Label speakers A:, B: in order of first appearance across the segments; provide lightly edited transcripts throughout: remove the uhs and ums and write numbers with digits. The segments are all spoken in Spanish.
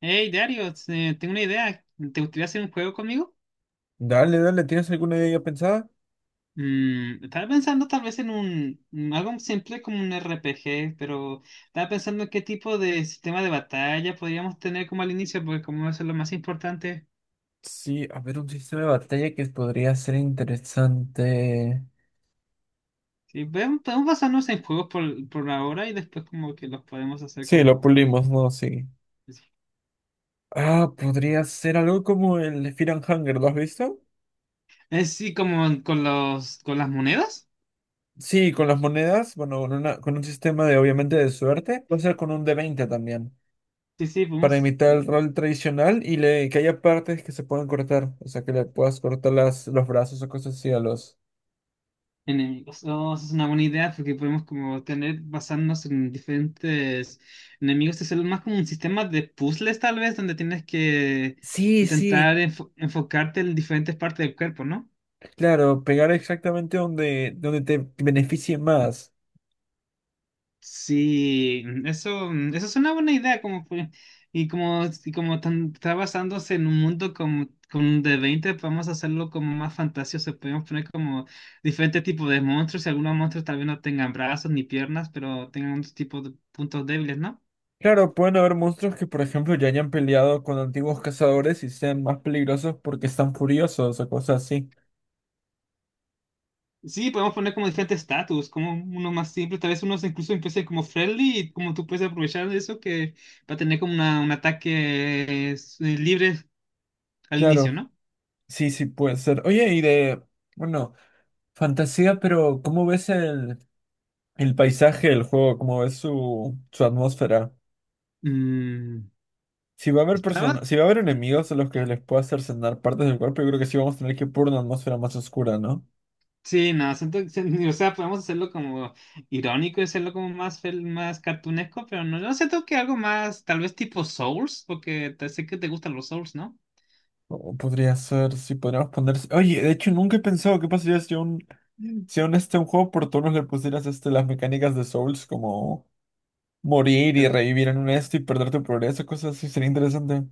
A: Hey, Dario, tengo una idea. ¿Te gustaría hacer un juego conmigo?
B: Dale, dale, ¿tienes alguna idea ya pensada?
A: Estaba pensando tal vez en un algo simple como un RPG, pero estaba pensando en qué tipo de sistema de batalla podríamos tener como al inicio, porque como eso es lo más importante.
B: Sí, a ver, un sistema de batalla que podría ser interesante.
A: Sí, podemos basarnos en juegos por ahora y después como que los podemos hacer
B: Sí, lo
A: como...
B: pulimos, ¿no? Sí. Ah, podría ser algo como el Fear and Hunger, ¿lo has visto?
A: Sí, como con los, con las monedas.
B: Sí, con las monedas, bueno, con un sistema de obviamente de suerte, puede ser con un d20 también,
A: Sí, sí,
B: para
A: podemos.
B: imitar el rol tradicional y que haya partes que se puedan cortar, o sea, que le puedas cortar los brazos o cosas así a los...
A: Enemigos. Oh, esa es una buena idea porque podemos como tener basarnos en diferentes enemigos. Es más como un sistema de puzzles tal vez donde tienes que
B: Sí,
A: intentar
B: sí,
A: enfocarte en diferentes partes del cuerpo, ¿no?
B: claro, pegar exactamente donde te beneficie más.
A: Sí, eso es una buena idea como y como, y como está basándose en un mundo como con de 20 podemos hacerlo como más fantasioso. Podemos poner como diferentes tipos de monstruos y algunos monstruos tal vez no tengan brazos ni piernas, pero tengan otros tipos de puntos débiles, ¿no?
B: Claro, pueden haber monstruos que, por ejemplo, ya hayan peleado con antiguos cazadores y sean más peligrosos porque están furiosos o cosas así.
A: Sí, podemos poner como diferentes estatus, como uno más simple, tal vez unos incluso empiecen como friendly y como tú puedes aprovechar de eso que va a tener como un ataque libre al
B: Claro,
A: inicio, ¿no?
B: sí, sí puede ser. Oye, y bueno, fantasía, pero ¿cómo ves el paisaje del juego? ¿Cómo ves su atmósfera?
A: Mm,
B: Si va a haber
A: estaba,
B: personas, si va a haber enemigos a los que les pueda hacer cenar partes del cuerpo, yo creo que sí vamos a tener que ir por una atmósfera más oscura, ¿no?
A: sí, no, o sea, podemos hacerlo como irónico y hacerlo como más, más cartunesco, pero no, yo siento que algo más, tal vez tipo Souls, porque sé que te gustan los Souls, ¿no?
B: O podría ser, si podríamos poner... Oye, de hecho, nunca he pensado qué pasaría si aún este un juego por turnos le pusieras este, las mecánicas de Souls como morir y
A: El-
B: revivir en un esto y perder tu progreso, cosas así, sería interesante.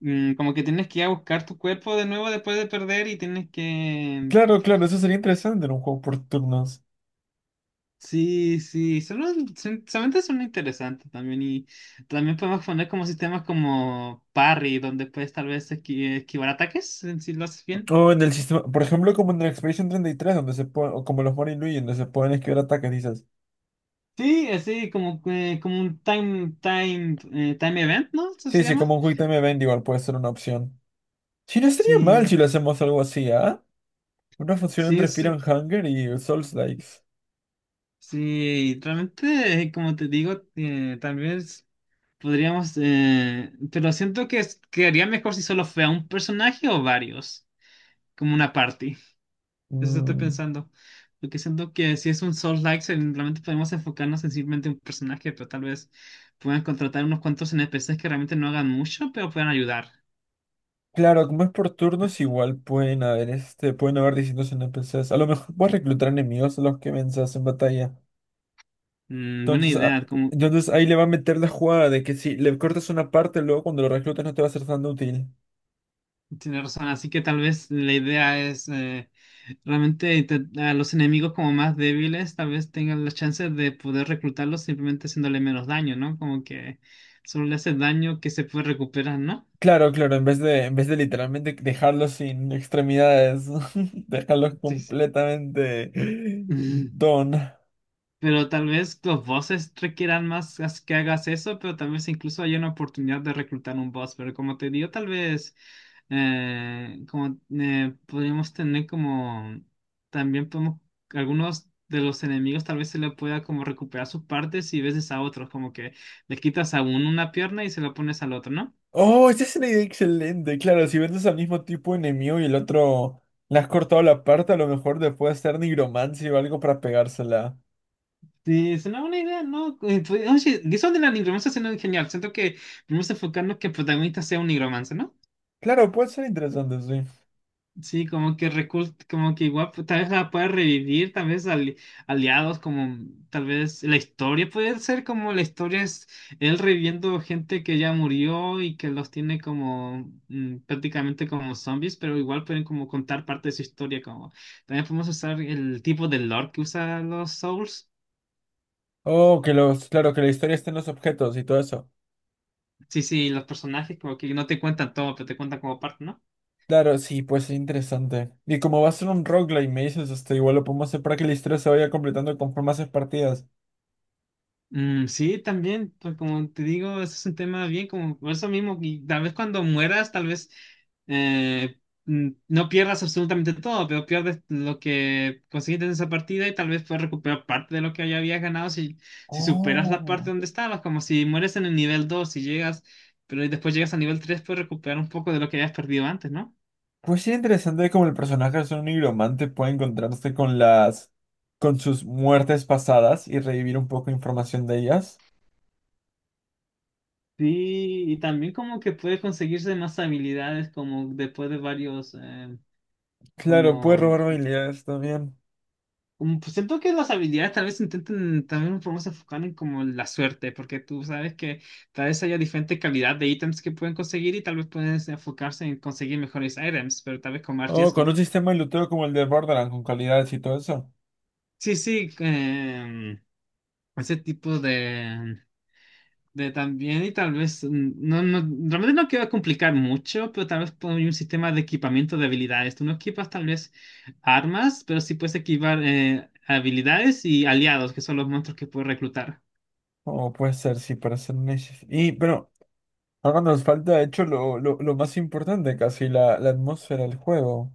A: como que tienes que ir a buscar tu cuerpo de nuevo después de perder y tienes que...
B: Claro, claro, eso sería interesante en un juego por turnos.
A: Sí, sí, solamente son interesantes también y también podemos poner como sistemas como parry, donde puedes tal vez esquivar ataques si lo haces bien.
B: O en el sistema, por ejemplo, como en el Expedition 33, donde se puede, o como los Mario y Luigi, donde se pueden esquivar ataques, dices.
A: Sí, así como, como un time event, ¿no? Eso
B: Sí,
A: se
B: sí,
A: llama.
B: como un Quick Time Event igual puede ser una opción. Sí, no estaría
A: Sí,
B: mal si lo hacemos algo así, ¿ah? Una función
A: sí,
B: entre
A: es,
B: Fear and Hunger y Souls Likes.
A: sí, realmente, como te digo, tal vez podríamos, pero siento que quedaría mejor si solo fuera un personaje o varios, como una party. Eso estoy pensando. Porque siento que si es un Souls-like, realmente podemos enfocarnos en simplemente un personaje, pero tal vez puedan contratar unos cuantos NPCs que realmente no hagan mucho, pero puedan ayudar.
B: Claro, como es por turnos, igual pueden haber distintos NPCs. A lo mejor puedes reclutar enemigos a los que venzas en batalla.
A: Mm, buena
B: Entonces, ah,
A: idea, como
B: entonces ahí le va a meter la jugada de que si le cortas una parte, luego cuando lo reclutas no te va a ser tan útil.
A: tiene razón. Así que tal vez la idea es realmente a los enemigos como más débiles, tal vez tengan la chance de poder reclutarlos simplemente haciéndole menos daño, ¿no? Como que solo le hace daño que se puede recuperar, ¿no?
B: Claro, claro, en vez de literalmente dejarlos sin extremidades, dejarlos
A: Sí, sí.
B: completamente don.
A: Pero tal vez los bosses requieran más que hagas eso, pero tal vez incluso hay una oportunidad de reclutar un boss. Pero como te digo, tal vez como podríamos tener como también podemos algunos de los enemigos tal vez se le pueda como recuperar sus partes y veces a otros, como que le quitas a uno una pierna y se la pones al otro, ¿no?
B: Oh, esa es una idea excelente. Claro, si vendes al mismo tipo enemigo y el otro le has cortado la parte, a lo mejor te puede hacer nigromancia o algo para pegársela.
A: Sí, es una buena idea, ¿no? Pues, oye, eso de la nigromancia suena genial. Siento que vamos a enfocarnos que el protagonista sea un nigromante, ¿no?
B: Claro, puede ser interesante, sí.
A: Sí, como que como que igual pues, tal vez la pueda revivir, tal vez aliados, como tal vez la historia puede ser como la historia es él reviviendo gente que ya murió y que los tiene como prácticamente como zombies, pero igual pueden como contar parte de su historia, como también podemos usar el tipo de lore que usan los Souls.
B: Oh, que los, claro, que la historia esté en los objetos y todo eso.
A: Sí, sí, los personajes como que no te cuentan todo, pero te cuentan como parte, ¿no?
B: Claro, sí, pues es interesante. Y como va a ser un roguelike, me dices, este, igual lo podemos hacer para que la historia se vaya completando conforme haces partidas.
A: Mm, sí, también, pues como te digo, ese es un tema bien como por eso mismo, y tal vez cuando mueras, tal vez no pierdas absolutamente todo, pero pierdes lo que conseguiste en esa partida y tal vez puedes recuperar parte de lo que ya habías ganado si, si superas la parte
B: Oh.
A: donde estabas, como si mueres en el nivel 2 y llegas, pero y después llegas al nivel 3 puedes recuperar un poco de lo que habías perdido antes, ¿no?
B: Pues sí, interesante cómo el personaje es un nigromante, puede encontrarse con sus muertes pasadas y revivir un poco de información de ellas.
A: Sí, y también como que puedes conseguirse más habilidades como después de varios,
B: Claro, puede
A: como...
B: robar habilidades también.
A: Como pues siento que las habilidades tal vez intenten también un poco se enfocar en como la suerte, porque tú sabes que tal vez haya diferente calidad de ítems que pueden conseguir y tal vez pueden enfocarse en conseguir mejores ítems, pero tal vez con más
B: O con
A: riesgo.
B: un sistema de luteo como el de Borderlands, con calidades y todo eso.
A: Sí, sí, ese tipo de también y tal vez, no, no, realmente no quiero complicar mucho, pero tal vez poner un sistema de equipamiento de habilidades. Tú no equipas tal vez armas, pero sí puedes equipar habilidades y aliados, que son los monstruos que puedes reclutar.
B: O puede ser, sí, para ser niches. Y, pero, ahora nos falta, de hecho, lo más importante, casi, la atmósfera del juego.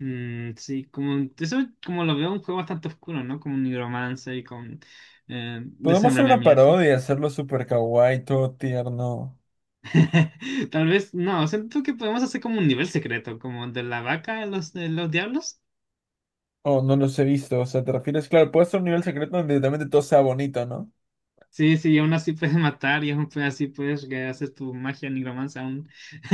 A: Mm, sí, como eso como lo veo un juego bastante oscuro, ¿no? Como un nigromancia y con
B: Podemos hacer una
A: desmembramiento.
B: parodia y hacerlo super kawaii, todo tierno.
A: Tal vez, no, siento que podemos hacer como un nivel secreto, como de la vaca de los diablos.
B: O no los he visto, o sea, te refieres, claro, puede ser un nivel secreto donde literalmente todo sea bonito, ¿no?
A: Sí, sí, y aún así puedes matar y aún pues así puedes que haces tu magia nigromancia aún.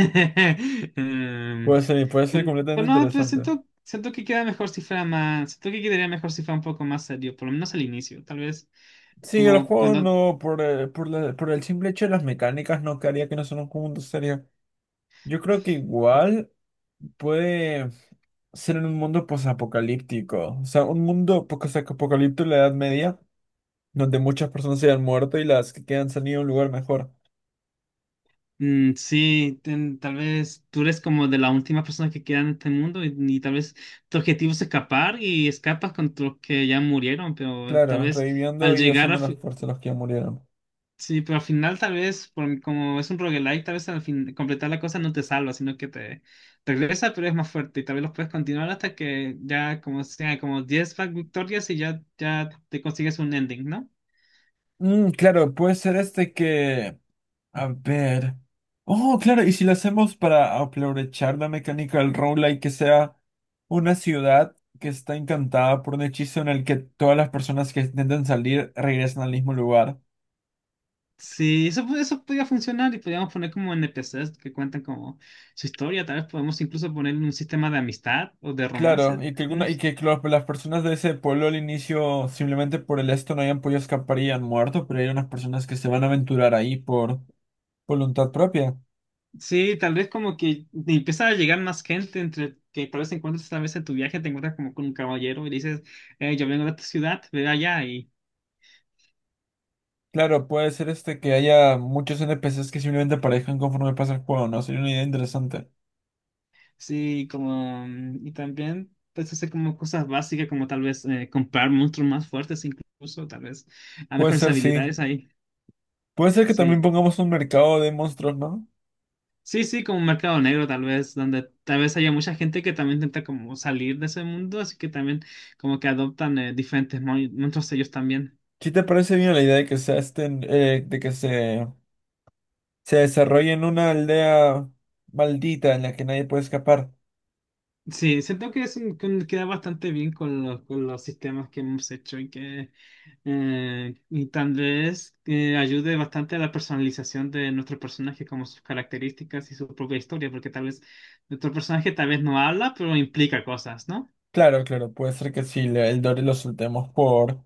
A: Em,
B: Puede ser completamente
A: pero no, pero
B: interesante.
A: siento, siento que queda mejor si fuera más, siento que quedaría mejor si fuera un poco más serio, por lo menos al inicio, tal vez.
B: Sí, el
A: Como
B: juego
A: cuando
B: no, por el simple hecho de las mecánicas, no quedaría que no son un mundo serio. Yo creo que igual puede ser en un mundo posapocalíptico. O sea, un mundo posapocalíptico en la Edad Media, donde muchas personas se han muerto y las que quedan se han ido a un lugar mejor.
A: Sí, tal vez tú eres como de la última persona que queda en este mundo y tal vez tu objetivo es escapar y escapas con los que ya murieron, pero
B: Claro,
A: tal vez
B: reviviendo
A: al
B: y
A: llegar a...
B: usando las fuerzas de los que ya murieron.
A: Sí, pero al final tal vez, como es un roguelike, tal vez al fin, completar la cosa no te salva, sino que te regresa, pero es más fuerte y tal vez los puedes continuar hasta que ya como sea como 10 victorias y ya, ya te consigues un ending, ¿no?
B: Mm, claro, puede ser este que. A ver. Oh, claro, y si lo hacemos para aprovechar la mecánica del roguelike, que sea una ciudad que está encantada por un hechizo en el que todas las personas que intentan salir regresan al mismo lugar.
A: Sí, eso, eso podría funcionar y podríamos poner como NPCs que cuentan como su historia. Tal vez podemos incluso poner un sistema de amistad o de
B: Claro,
A: romance,
B: y que, alguna, y
A: algunos.
B: que lo- las personas de ese pueblo al inicio, simplemente por el esto, no hayan podido escapar y han muerto, pero hay unas personas que se van a aventurar ahí por voluntad propia.
A: Sí, tal vez como que te empieza a llegar más gente entre que tal vez encuentres tal vez en tu viaje te encuentras como con un caballero y le dices, yo vengo de tu ciudad, ve allá y
B: Claro, puede ser este que haya muchos NPCs que simplemente aparezcan conforme pasa el juego, ¿no? Sería una idea interesante.
A: sí, como mm, y también puedes hacer como cosas básicas como tal vez comprar monstruos más fuertes incluso, tal vez a
B: Puede
A: mejores
B: ser, sí.
A: habilidades ahí.
B: Puede ser que también
A: Sí,
B: pongamos un mercado de monstruos, ¿no?
A: sí, sí, como un mercado negro tal vez, donde tal vez haya mucha gente que también intenta como salir de ese mundo, así que también como que adoptan diferentes monstruos ellos también.
B: ¿Sí te parece bien la idea de que se desarrolle en una aldea maldita en la que nadie puede escapar?
A: Sí, siento que es que queda bastante bien con los sistemas que hemos hecho y que y tal vez ayude bastante a la personalización de nuestro personaje, como sus características y su propia historia, porque tal vez nuestro personaje tal vez no habla, pero implica cosas, ¿no?
B: Claro, claro, puede ser que si le- el Dory lo soltemos por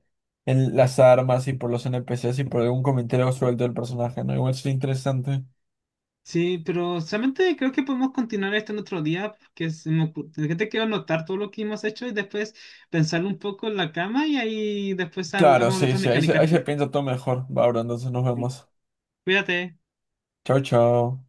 B: las armas y por los NPCs y por algún comentario suelto del personaje, ¿no? Igual sería interesante.
A: Sí, pero solamente creo que podemos continuar esto en otro día, porque se me que te quiero anotar todo lo que hemos hecho y después pensarlo un poco en la cama y ahí después
B: Claro,
A: hablamos de
B: sí,
A: otras
B: sí, ahí se,
A: mecánicas
B: ahí se
A: que...
B: piensa todo mejor. Va, bro, entonces nos
A: Sí.
B: vemos.
A: Cuídate.
B: Chao, chao.